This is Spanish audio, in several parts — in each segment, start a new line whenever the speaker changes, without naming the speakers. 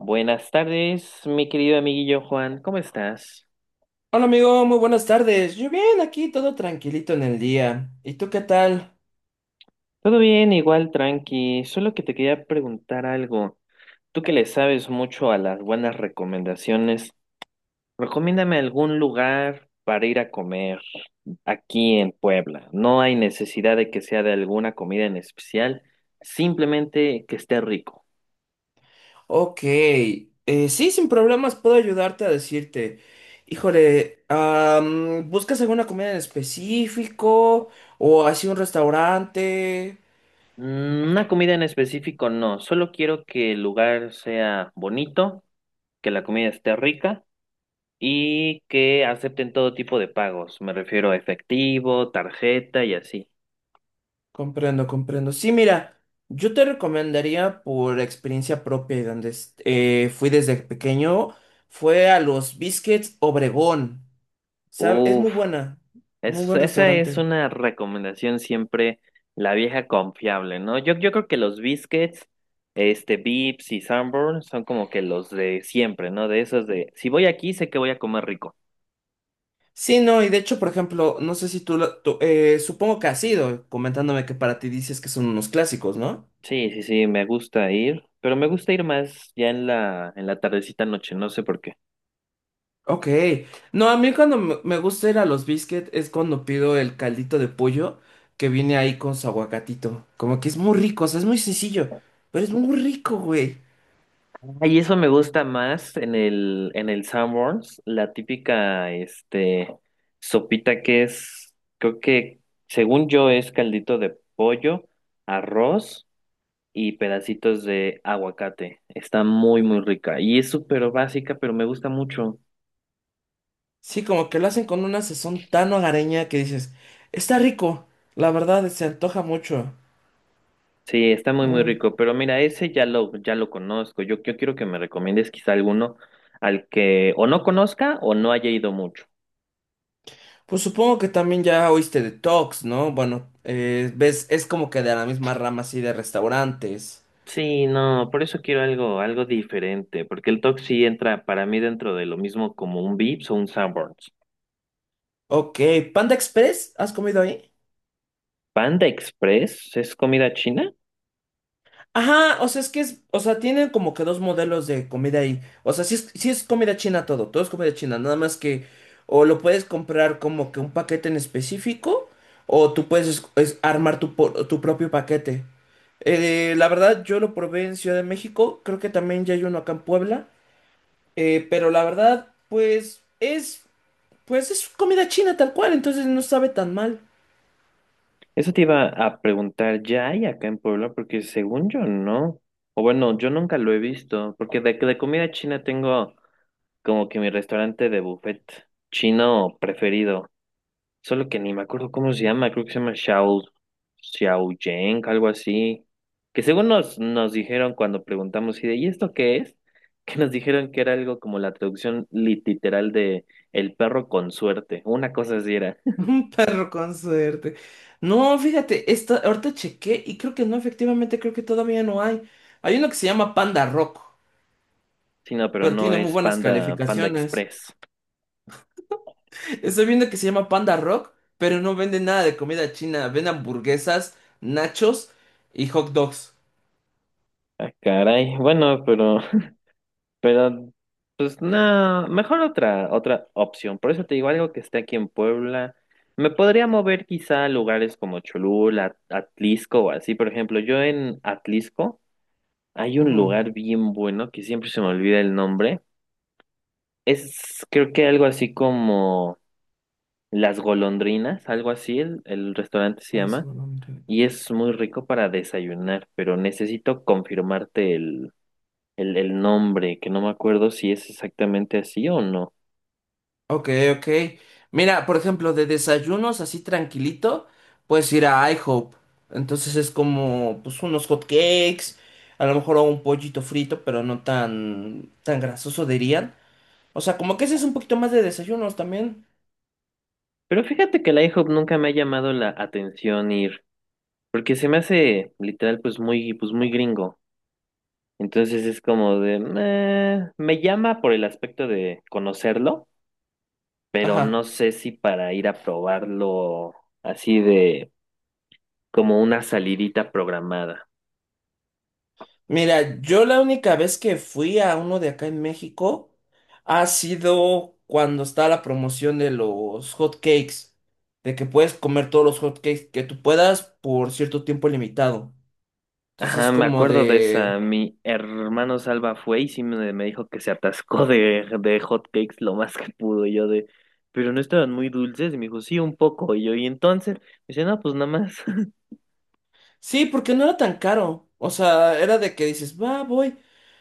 Buenas tardes, mi querido amiguillo Juan, ¿cómo estás?
Hola amigo, muy buenas tardes. Yo bien, aquí todo tranquilito en el día. ¿Y tú qué tal?
Todo bien, igual tranqui, solo que te quería preguntar algo. Tú que le sabes mucho a las buenas recomendaciones, recomiéndame algún lugar para ir a comer aquí en Puebla. No hay necesidad de que sea de alguna comida en especial, simplemente que esté rico.
Ok, sí, sin problemas puedo ayudarte a decirte. Híjole, ¿buscas alguna comida en específico? ¿O así un restaurante?
Una comida en específico no, solo quiero que el lugar sea bonito, que la comida esté rica y que acepten todo tipo de pagos. Me refiero a efectivo, tarjeta y así.
Comprendo, comprendo. Sí, mira, yo te recomendaría por experiencia propia y donde fui desde pequeño, fue a los Biscuits Obregón. ¿Sabe? Es
Uf,
muy buena, muy buen
esa es
restaurante.
una recomendación siempre, la vieja confiable, ¿no? Yo creo que los biscuits, este, Vips y Sanborn son como que los de siempre, ¿no? De esos de, si voy aquí, sé que voy a comer rico.
Sí, no, y de hecho, por ejemplo, no sé si tú, supongo que has ido comentándome que para ti dices que son unos clásicos, ¿no?
Sí, sí, sí, me gusta ir, pero me gusta ir más ya en la tardecita noche, no sé por qué.
Ok, no, a mí cuando me gusta ir a los biscuits es cuando pido el caldito de pollo que viene ahí con su aguacatito, como que es muy rico, o sea, es muy sencillo, pero es muy rico, güey.
Ay, eso me gusta más en el Sanborns, la típica, este, sopita que es, creo que, según yo, es caldito de pollo, arroz y pedacitos de aguacate. Está muy, muy rica. Y es súper básica, pero me gusta mucho.
Sí, como que lo hacen con una sazón tan hogareña que dices, está rico, la verdad, se antoja mucho.
Sí, está muy, muy
Mm.
rico. Pero mira, ese ya lo conozco. Yo quiero que me recomiendes quizá alguno al que o no conozca o no haya ido mucho.
Pues supongo que también ya oíste de Tox, ¿no? Bueno, ves, es como que de la misma rama así de restaurantes.
Sí, no, por eso quiero algo, algo diferente, porque el TOC sí entra para mí dentro de lo mismo como un Vips o un Sanborns.
Ok, Panda Express, ¿has comido ahí?
Panda Express es comida china.
Ajá, o sea, es que es, o sea, tienen como que dos modelos de comida ahí. O sea, sí es comida china, todo, todo es comida china, nada más que o lo puedes comprar como que un paquete en específico o tú puedes es armar tu, tu propio paquete. La verdad, yo lo probé en Ciudad de México, creo que también ya hay uno acá en Puebla. Pero la verdad, pues es comida china tal cual, entonces no sabe tan mal.
Eso te iba a preguntar, ¿ya hay acá en Puebla? Porque según yo no. O bueno, yo nunca lo he visto, porque de comida china tengo como que mi restaurante de buffet chino preferido. Solo que ni me acuerdo cómo se llama, creo que se llama Xiao Yang, algo así. Que según nos dijeron cuando preguntamos, y de, ¿y esto qué es? Que nos dijeron que era algo como la traducción literal de el perro con suerte. Una cosa así era.
Un perro con suerte. No, fíjate, esta, ahorita chequé y creo que no, efectivamente, creo que todavía no hay. Hay uno que se llama Panda Rock,
Sí, no, pero
pero
no
tiene muy
es
buenas
Panda
calificaciones.
Express.
Estoy viendo que se llama Panda Rock, pero no vende nada de comida china. Vende hamburguesas, nachos y hot dogs.
Ah, caray. Bueno, Pero, pues no, mejor otra opción. Por eso te digo algo que esté aquí en Puebla. Me podría mover quizá a lugares como Cholula, Atlisco o así. Por ejemplo, yo en Atlisco hay un
Ujú.
lugar bien bueno que siempre se me olvida el nombre. Es creo que algo así como Las Golondrinas, algo así, el restaurante se
Las-
llama. Y es muy rico para desayunar, pero necesito confirmarte el nombre, que no me acuerdo si es exactamente así o no.
Ok, ok. Mira, por ejemplo, de desayunos así tranquilito, puedes ir a IHOP. Entonces es como, pues, unos hot cakes, a lo mejor un pollito frito, pero no tan, tan grasoso dirían. O sea, como que ese es un poquito más de desayunos también.
Pero fíjate que la IHOP nunca me ha llamado la atención ir, porque se me hace literal pues muy gringo. Entonces es como de, "Nah", me llama por el aspecto de conocerlo, pero no
Ajá.
sé si para ir a probarlo así de como una salidita programada.
Mira, yo la única vez que fui a uno de acá en México ha sido cuando está la promoción de los hot cakes, de que puedes comer todos los hot cakes que tú puedas por cierto tiempo limitado. Entonces,
Ajá, me
como
acuerdo de esa.
de,
Mi hermano Salva fue y sí me dijo que se atascó de hot cakes lo más que pudo. Y yo de, pero no estaban muy dulces. Y me dijo, sí, un poco. Y yo, y entonces, me dice, no, pues nada más.
sí, porque no era tan caro. O sea, era de que dices, va, voy.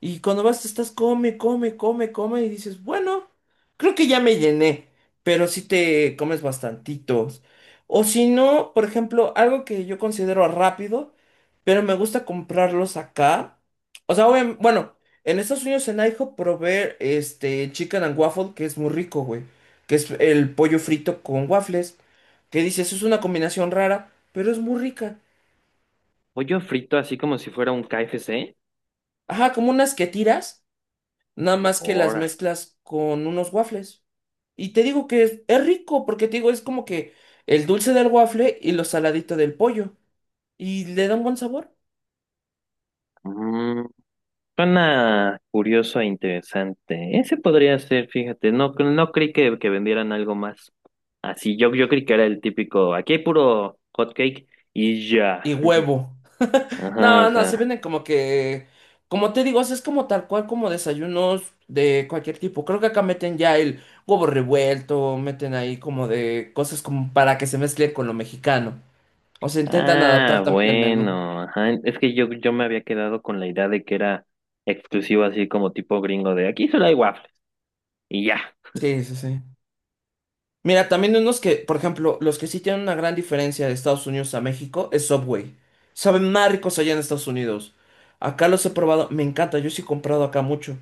Y cuando vas, te estás, come, come, come, come. Y dices, bueno, creo que ya me llené. Pero sí te comes bastantitos. O si no, por ejemplo, algo que yo considero rápido, pero me gusta comprarlos acá. O sea, bueno, en Estados Unidos, en IHOP, probé este chicken and waffle, que es muy rico, güey. Que es el pollo frito con waffles. Que dices, es una combinación rara, pero es muy rica.
Pollo frito, así como si fuera un KFC.
Ajá, como unas que tiras, nada más que las
Ahora.
mezclas con unos waffles. Y te digo que es rico, porque te digo, es como que el dulce del waffle y lo saladito del pollo. Y le da un buen sabor.
Mm, suena curioso e interesante. Ese podría ser, fíjate. No, no creí que vendieran algo más. Así, yo creí que era el típico, aquí hay puro hot cake y ya.
Y huevo.
Ajá, o
No, no, se
sea.
venden como que, como te digo, o sea, es como tal cual como desayunos de cualquier tipo. Creo que acá meten ya el huevo revuelto, meten ahí como de cosas como para que se mezcle con lo mexicano. O se intentan adaptar
Ah,
también el menú.
bueno, ajá. Es que yo me había quedado con la idea de que era exclusivo así como tipo gringo de aquí solo hay waffles y ya.
Sí, sí, sí. Mira, también unos que, por ejemplo, los que sí tienen una gran diferencia de Estados Unidos a México es Subway. Saben más ricos allá en Estados Unidos. Acá los he probado, me encanta, yo sí he comprado acá mucho.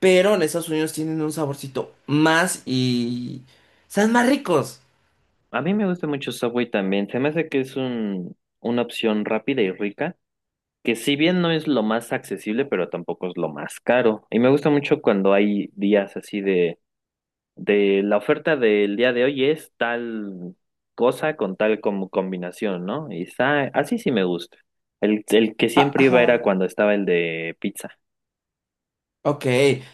Pero en Estados Unidos tienen un saborcito más y... saben más ricos.
A mí me gusta mucho Subway también. Se me hace que es un, una opción rápida y rica, que si bien no es lo más accesible, pero tampoco es lo más caro. Y me gusta mucho cuando hay días así de la oferta del día de hoy es tal cosa con tal como combinación, ¿no? Y está, así sí me gusta. El que
Ah,
siempre iba era
ajá.
cuando estaba el de pizza.
Ok,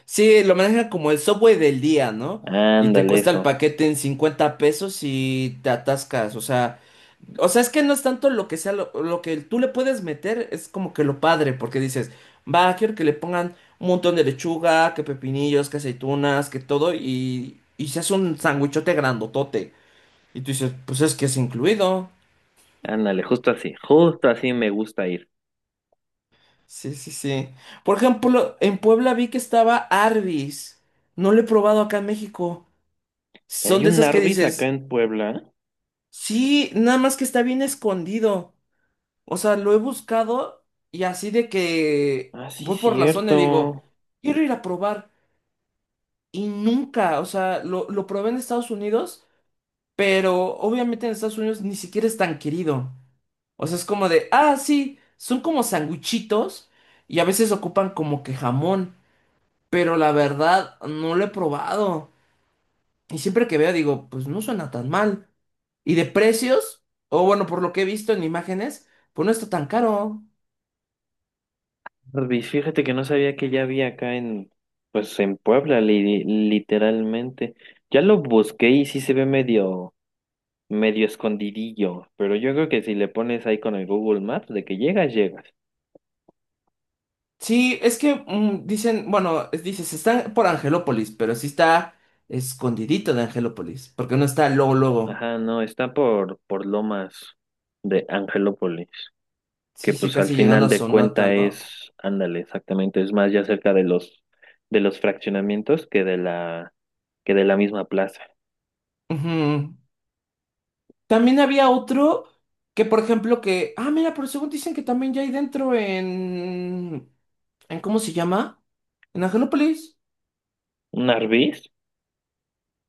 sí, lo manejan como el Subway del día, ¿no? Y te
Ándale
cuesta el
eso,
paquete en 50 pesos y te atascas. O sea, o sea, es que no es tanto lo que sea, lo que tú le puedes meter es como que lo padre, porque dices, va, quiero que le pongan un montón de lechuga, que pepinillos, que aceitunas, que todo, y se hace un sándwichote grandotote. Y tú dices, pues es que es incluido.
ándale, justo así me gusta ir.
Sí, sí, sí. Por ejemplo, en Puebla vi que estaba Arby's. No lo he probado acá en México.
Y
Son
hay
de
un
esas que
Arby's acá
dices,
en Puebla.
sí, nada más que está bien escondido. O sea, lo he buscado y así de que
Ah, sí,
voy por la zona y digo,
cierto.
quiero ir a probar. Y nunca, o sea, lo probé en Estados Unidos, pero obviamente en Estados Unidos ni siquiera es tan querido. O sea, es como de, ah, sí, son como sanguchitos y a veces ocupan como que jamón, pero la verdad no lo he probado. Y siempre que veo digo, pues no suena tan mal. Y de precios, o bueno, por lo que he visto en imágenes, pues no está tan caro.
Arby's, fíjate que no sabía que ya había acá en, pues en Puebla, literalmente. Ya lo busqué y sí se ve medio escondidillo, pero yo creo que si le pones ahí con el Google Maps de que llegas, llegas.
Sí, es que dicen, bueno, dices, están por Angelópolis, pero sí está escondidito de Angelópolis, porque no está luego, luego.
Ajá, no, está por Lomas de Angelópolis, que
Sí, sí,
pues al
casi llegando
final
a
de
Sonata,
cuenta
¿no?
es, ándale, exactamente, es más ya cerca de los fraccionamientos que de que de la misma plaza.
Ujú. También había otro que, por ejemplo, que, ah, mira, pero según dicen que también ya hay dentro en ¿cómo se llama? En Angelópolis.
¿Un Arby's?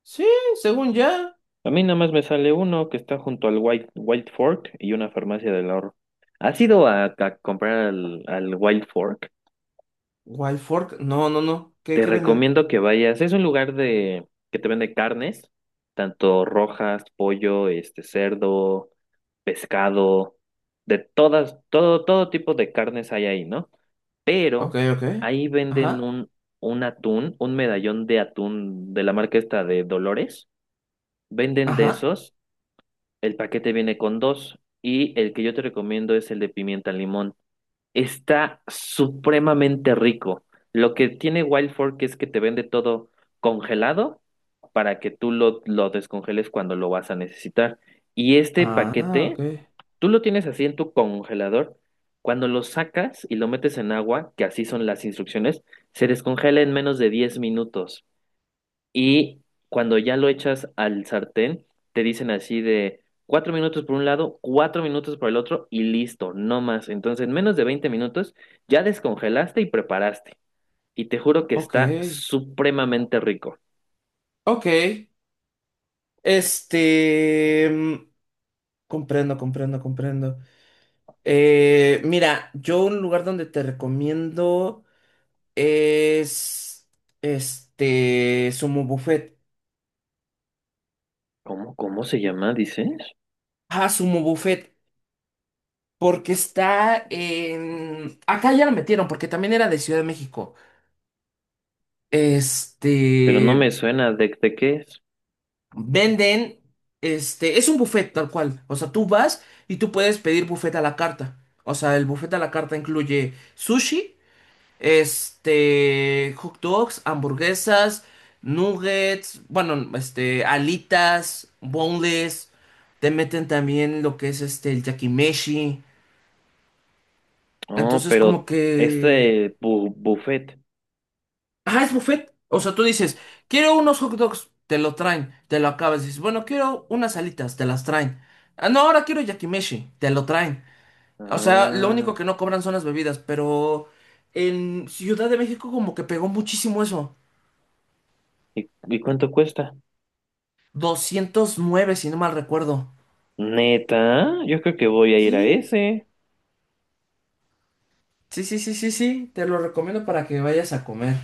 Sí, según ya.
A mí nada más me sale uno que está junto al White Fork y una farmacia del ahorro. ¿Has ido a comprar al, al White Fork?
Wild Fork, no, no, no, ¿qué,
Te
qué venden?
recomiendo que vayas. Es un lugar de que te vende carnes, tanto rojas, pollo, este cerdo, pescado, de todas, todo, todo tipo de carnes hay ahí, ¿no?
Ok,
Pero
ok.
ahí venden
Ajá,
un atún, un medallón de atún de la marca esta de Dolores. Venden de
ajá.
esos, el paquete viene con dos, y el que yo te recomiendo es el de pimienta limón. Está supremamente rico. Lo que tiene Wild Fork es que te vende todo congelado para que tú lo descongeles cuando lo vas a necesitar. Y este
Ah, ok,
paquete, tú lo tienes así en tu congelador. Cuando lo sacas y lo metes en agua, que así son las instrucciones, se descongela en menos de 10 minutos. Y cuando ya lo echas al sartén, te dicen así de 4 minutos por un lado, 4 minutos por el otro y listo, no más. Entonces, en menos de 20 minutos ya descongelaste y preparaste. Y te juro que
ok,
está supremamente rico.
ok. Este, comprendo, comprendo, comprendo. Mira, yo un lugar donde te recomiendo es este Sumo Buffet.
¿Cómo, cómo se llama, dices?
Ah, Sumo Buffet, porque está en... Acá ya lo metieron, porque también era de Ciudad de México.
Pero no
Este,
me suena de qué es.
venden, este, es un buffet tal cual. O sea, tú vas y tú puedes pedir buffet a la carta. O sea, el buffet a la carta incluye sushi. Este, hot dogs, hamburguesas, nuggets, bueno, este, alitas, boneless, te meten también lo que es este, el yakimeshi.
Oh,
Entonces,
pero
como que,
este buffet.
ah, es buffet. O sea, tú dices, quiero unos hot dogs, te lo traen, te lo acabas. Dices, bueno, quiero unas alitas, te las traen. Ah, no, ahora quiero yakimeshi, te lo traen. O sea, lo único
Ah,
que no cobran son las bebidas, pero en Ciudad de México como que pegó muchísimo eso.
y cuánto cuesta?
209 si no mal recuerdo.
Neta, yo creo que voy a ir a
Sí,
ese.
sí, sí, sí, sí, sí. Te lo recomiendo para que vayas a comer.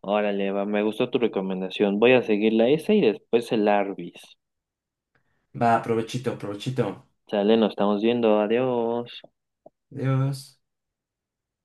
Órale, va, me gustó tu recomendación. Voy a seguir la S y después el Arby's.
Va, provechito, provechito.
Sale, nos estamos viendo. Adiós.
Adiós.